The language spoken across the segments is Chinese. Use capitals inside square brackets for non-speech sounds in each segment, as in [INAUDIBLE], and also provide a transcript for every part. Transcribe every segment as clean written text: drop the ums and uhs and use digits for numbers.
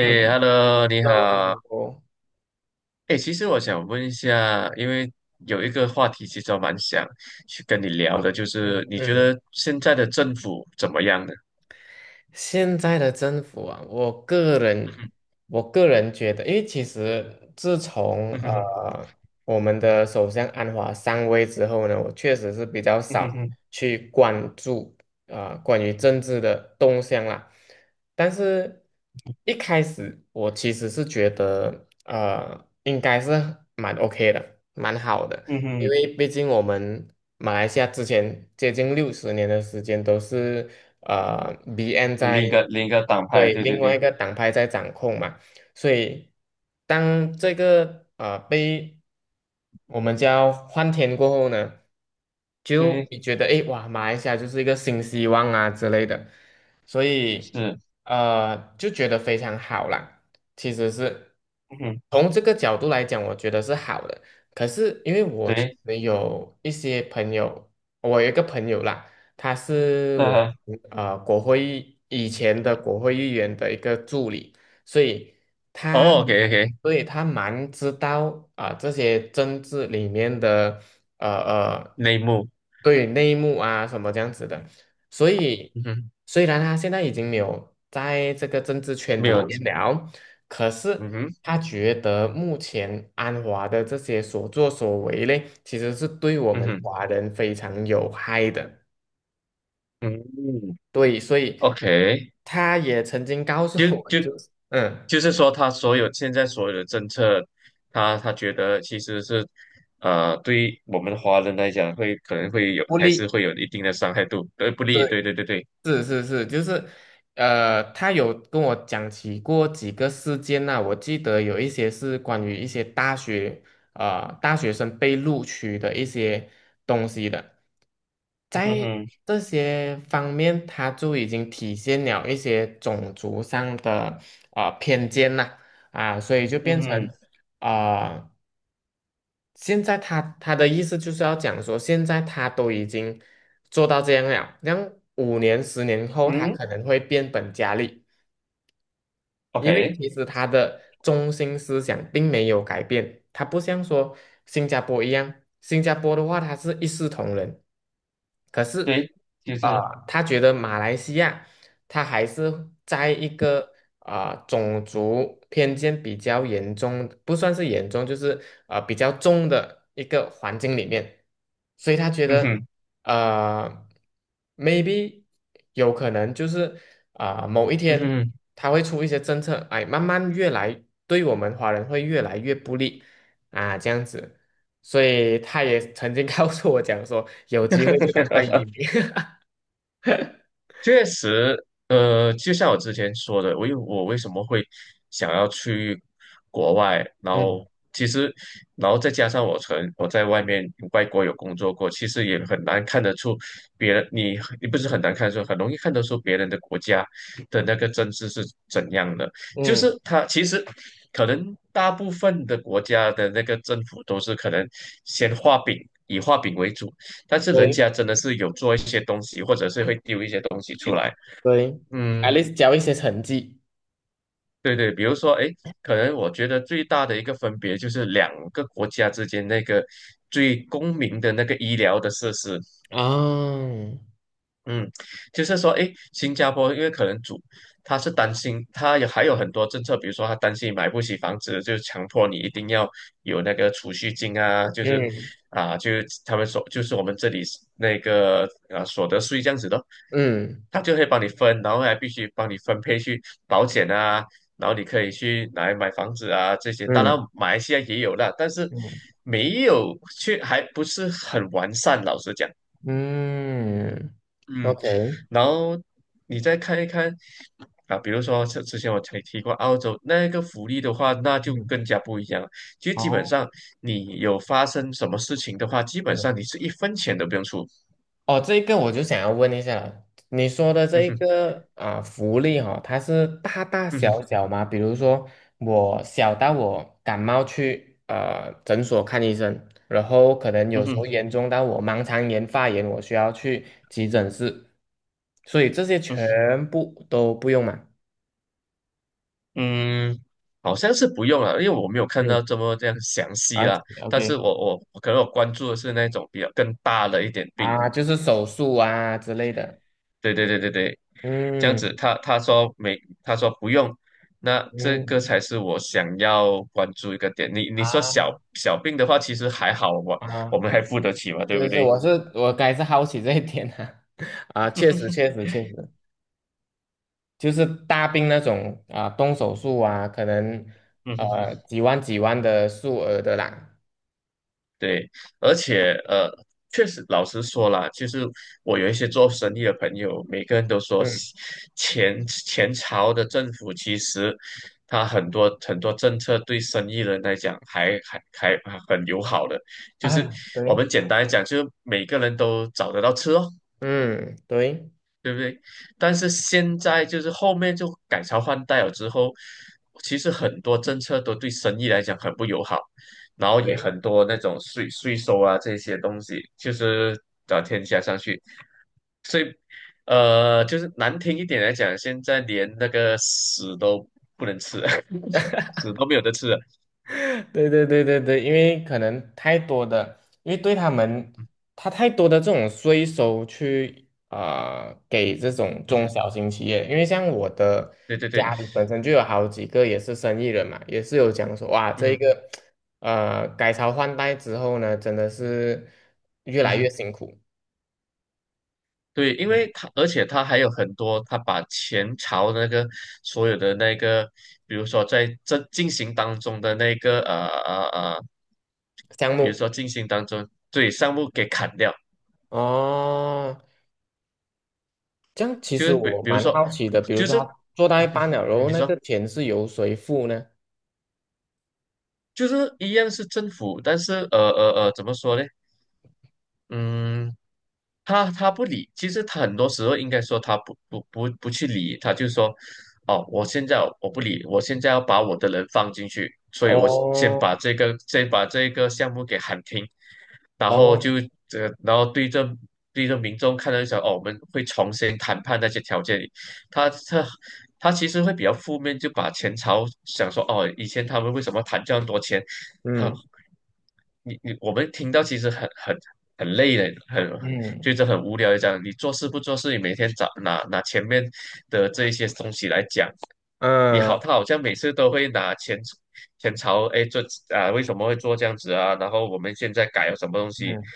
那h 嗯 e l l o 你那好。我诶，其实我想问一下，因为有一个话题其实我蛮想去跟你聊的，就嗯是你觉嗯，得现在的政府怎么样呢？现在的政府啊，我个人觉得，因为其实自从嗯哼，我们的首相安华上位之后呢，我确实是比较嗯哼，嗯少哼，去关注啊、关于政治的动向啦。但是一开始我其实是觉得应该是蛮 OK 的，蛮好的。嗯因哼，为毕竟我们马来西亚之前接近六十年的时间都是BN 另一个党派，对，对对另外一对个党派在掌控嘛，所以当这个被我们叫换天过后呢，就对，你觉得诶，哇，马来西亚就是一个新希望啊之类的，所以是，就觉得非常好啦。其实是嗯哼，从这个角度来讲，我觉得是好的。可是因为我其对，实有一些朋友，我有一个朋友啦，他是我呃，们国会议以前的国会议员的一个助理，所以他。哦，OK，OK，所以他蛮知道啊、这些政治里面的呃呃内幕，对，内幕啊什么这样子的，所以嗯哼，虽然他现在已经没有在这个政治圈没里有，面了，可是嗯哼，他觉得目前安华的这些所作所为嘞，其实是对我嗯们哼，华人非常有害的。嗯哼对，所以，OK，他也曾经告诉就我，就就是就是说，他所有现在所有的政策，他觉得其实是，对我们华人来讲会，可能会有，不还利。是会有一定的伤害度，对不利，对。对对对对，是是是，就是，他有跟我讲起过几个事件呐、我记得有一些是关于一些大学生被录取的一些东西的，嗯在哼，这些方面，他就已经体现了一些种族上的偏见呐、啊，所以就嗯变哼，成啊、呃现在他的意思就是要讲说，现在他都已经做到这样了，让5年、十年后，他嗯可能会变本加厉，因为，OK，其实他的中心思想并没有改变，他不像说新加坡一样，新加坡的话，他是一视同仁，对，就是，啊，他觉得马来西亚，他还是在一个种族偏见比较严重，不算是严重，就是比较重的一个环境里面，所以他觉嗯得哼，呃，maybe 有可能就是某一嗯天哼。他会出一些政策，哎，慢慢越来对我们华人会越来越不利啊，这样子，所以他也曾经告诉我讲说，有机会就赶快移民。[LAUGHS] 确实，就像我之前说的，我为什么会想要去国外，然后嗯其实，然后再加上我在外国有工作过，其实也很难看得出别人，你不是很难看得出，很容易看得出别人的国家的那个政治是怎样的，就嗯，是他其实。可能大部分的国家的那个政府都是可能先画饼，以画饼为主，但是人对家真的是有做一些东西，或者是会丢一些东西出来。对 a 嗯，l a s t 交一些成绩，对对，比如说，哎，可能我觉得最大的一个分别就是两个国家之间那个最公民的那个医疗的设施，啊，嗯，就是说，诶，新加坡因为可能他是担心，还有很多政策，比如说他担心你买不起房子，就强迫你一定要有那个储蓄金啊，就是嗯啊，就是我们这里是那个啊所得税这样子的，嗯他就会帮你分，然后还必须帮你分配去保险啊，然后你可以去拿来买房子啊这些，当然嗯马来西亚也有了，但是嗯没有去还不是很完善，老实讲，嗯嗯。，OK,然后你再看一看啊，比如说之前我才提过澳洲那个福利的话，那就嗯更加不一样了。其实基本好。上你有发生什么事情的话，基本嗯。上你是一分钱都不用出。哦，这一个我就想要问一下了，你说的这嗯一哼，个啊、福利哈、它是大大嗯哼，小小吗？比如说我小到我感冒去诊所看医生，然后可能嗯有时候哼，严重到我盲肠炎发炎，我需要去急诊室，所以这些嗯哼全部都不用嘛？嗯，好像是不用了，因为我没有看到嗯这么这样详细，I 啦。o 但 k 是我可能我关注的是那种比较更大的一点病，啊，就是手术啊之类的，对对对对对，这样子嗯他说不用，那这个嗯才是我想要关注一个点。你说小啊小病的话，其实还好，我我啊。们还付得起嘛，对不是是，对？我该是好奇这一点啊，[LAUGHS] 啊，确实 [LAUGHS] 确实确实，就是大病那种啊，动手术啊，可能几万几万的数额的啦，对，而且确实老实说啦，其实我有一些做生意的朋友，每个人都说嗯前朝的政府其实他很多很多政策对生意人来讲还很友好的，就是啊，我对，们简单来讲，就是每个人都找得到车。嗯对。对不对？但是现在就是后面就改朝换代了之后，其实很多政策都对生意来讲很不友好，然后也很多那种税收啊这些东西，就是找天加上去，就是难听一点来讲，现在连那个屎都不能吃了 [LAUGHS] 屎都没有得吃了。对对对对对，因为可能太多的，因为对他们，他太多的这种税收去啊、给这种嗯中哼，小型企业，因为像我的对对对，家里本身就有好几个也是生意人嘛，也是有讲说哇，嗯这一哼。个改朝换代之后呢，真的是越嗯来越哼辛苦，对，因为嗯，他，而且他还有很多，他把前朝的那个所有的那个，比如说在这进行当中的那个呃呃呃，项比如目说进行当中，对，项目给砍掉，哦，这样其就实是比我比如蛮说，好奇的，比如就说是 他做到一半 [LAUGHS] 了，然后你那说个钱是由谁付呢？就是一样是政府，但是怎么说呢？嗯。他不理，其实他很多时候应该说他不去理，他就说，哦，我现在我不理，我现在要把我的人放进去，所以我先把哦这个先把这个项目给喊停，然后哦，这、然后对着对着民众看到想，哦，我们会重新谈判那些条件，他他他其实会比较负面，就把前朝想说，哦，以前他们为什么谈这样多钱，嗯我们听到其实很累的，很觉嗯得很无聊的样你做事不做事，你每天找拿前面的这一些东西来讲，你好，嗯他好像每次都会拿前朝，哎，做啊为什么会做这样子啊？然后我们现在改了什么东西？嗯，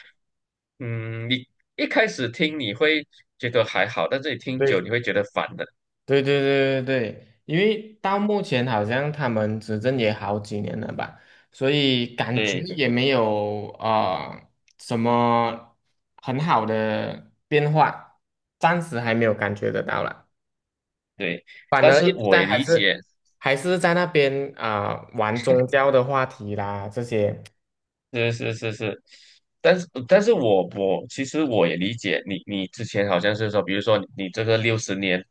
嗯，你一开始听你会觉得还好，但这里听久对你会觉得烦的。对对对对对，因为到目前好像他们执政也好几年了吧，所以感觉对也没有啊什么很好的变化，暂时还没有感觉得到了，对，反但而一是直我在也还理解，是还是在那边啊、玩宗教的话题啦这些，是是是是，但是我其实我也理解你，你之前好像是说，比如说你这个60年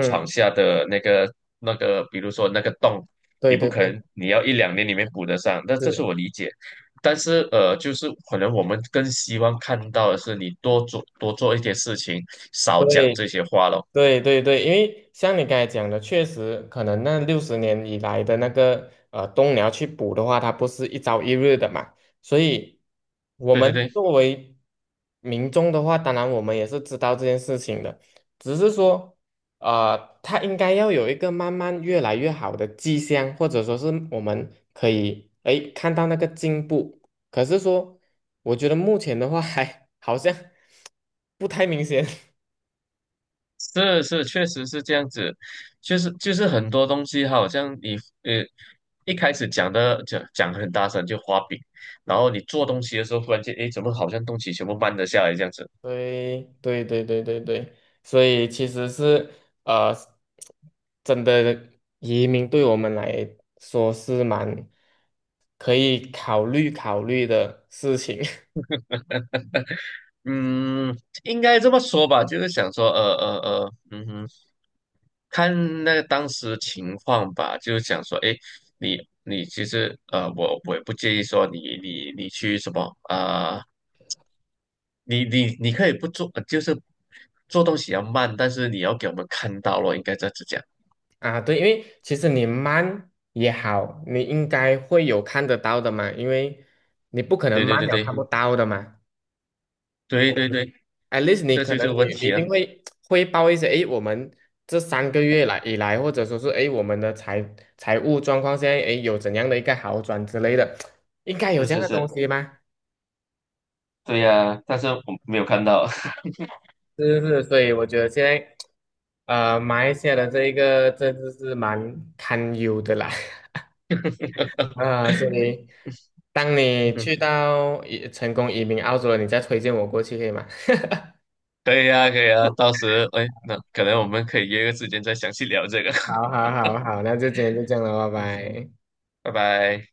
闯下的那个，比如说那个洞，对你不对可对，能你要一两年里面补得上，那这是是，我理解。但是就是可能我们更希望看到的是你多做多做一些事情，少讲对这些话咯。对对对，因为像你刚才讲的，确实可能那六十年以来的那个冬鸟去捕的话，它不是一朝一日的嘛，所以我对对们对。作为民众的话，当然我们也是知道这件事情的，只是说它应该要有一个慢慢越来越好的迹象，或者说是我们可以看到那个进步，可是说我觉得目前的话还 [LAUGHS] 好像不太明显。是是，确实是这样子，就是很多东西，好像你呃一开始讲的讲得很大声就画饼，然后你做东西的时候，忽然间诶，怎么好像东西全部慢了下来这样子？对对对对对对，所以其实是呃，真的移民对我们来说是蛮可以考虑考虑的事情 嗯，应该这么说吧，就是想说嗯哼，看那个当时情况吧，就是想说诶，你你其实我也不介意说你去什么啊、你可以不做，就是做东西要慢，但是你要给我们看到了，应该这样子讲。[LAUGHS] 啊。对，因为其实你慢也好，你应该会有看得到的嘛，因为你不可能对慢对了看不对到的嘛。对对对对，at least 你这可就是能你问你一题啊，定会汇报一些，我们这3个月来以来，或者说是我们的财务状况现在有怎样的一个好转之类的，应该有是这样是的东是，西吗？对呀、但是我没有看到。是是，是，所以我觉得现在马来西亚的这一个政治是蛮堪忧的啦，[LAUGHS] 啊、所以 [LAUGHS] 当你嗯，去到成功移民澳洲了，你再推荐我过去可以吗？可以啊，可以啊，到时哎，那可能我们可以约个时间再详细聊这个。好 [LAUGHS] 好好好，那就今天就这样了，拜嗯，拜。拜拜。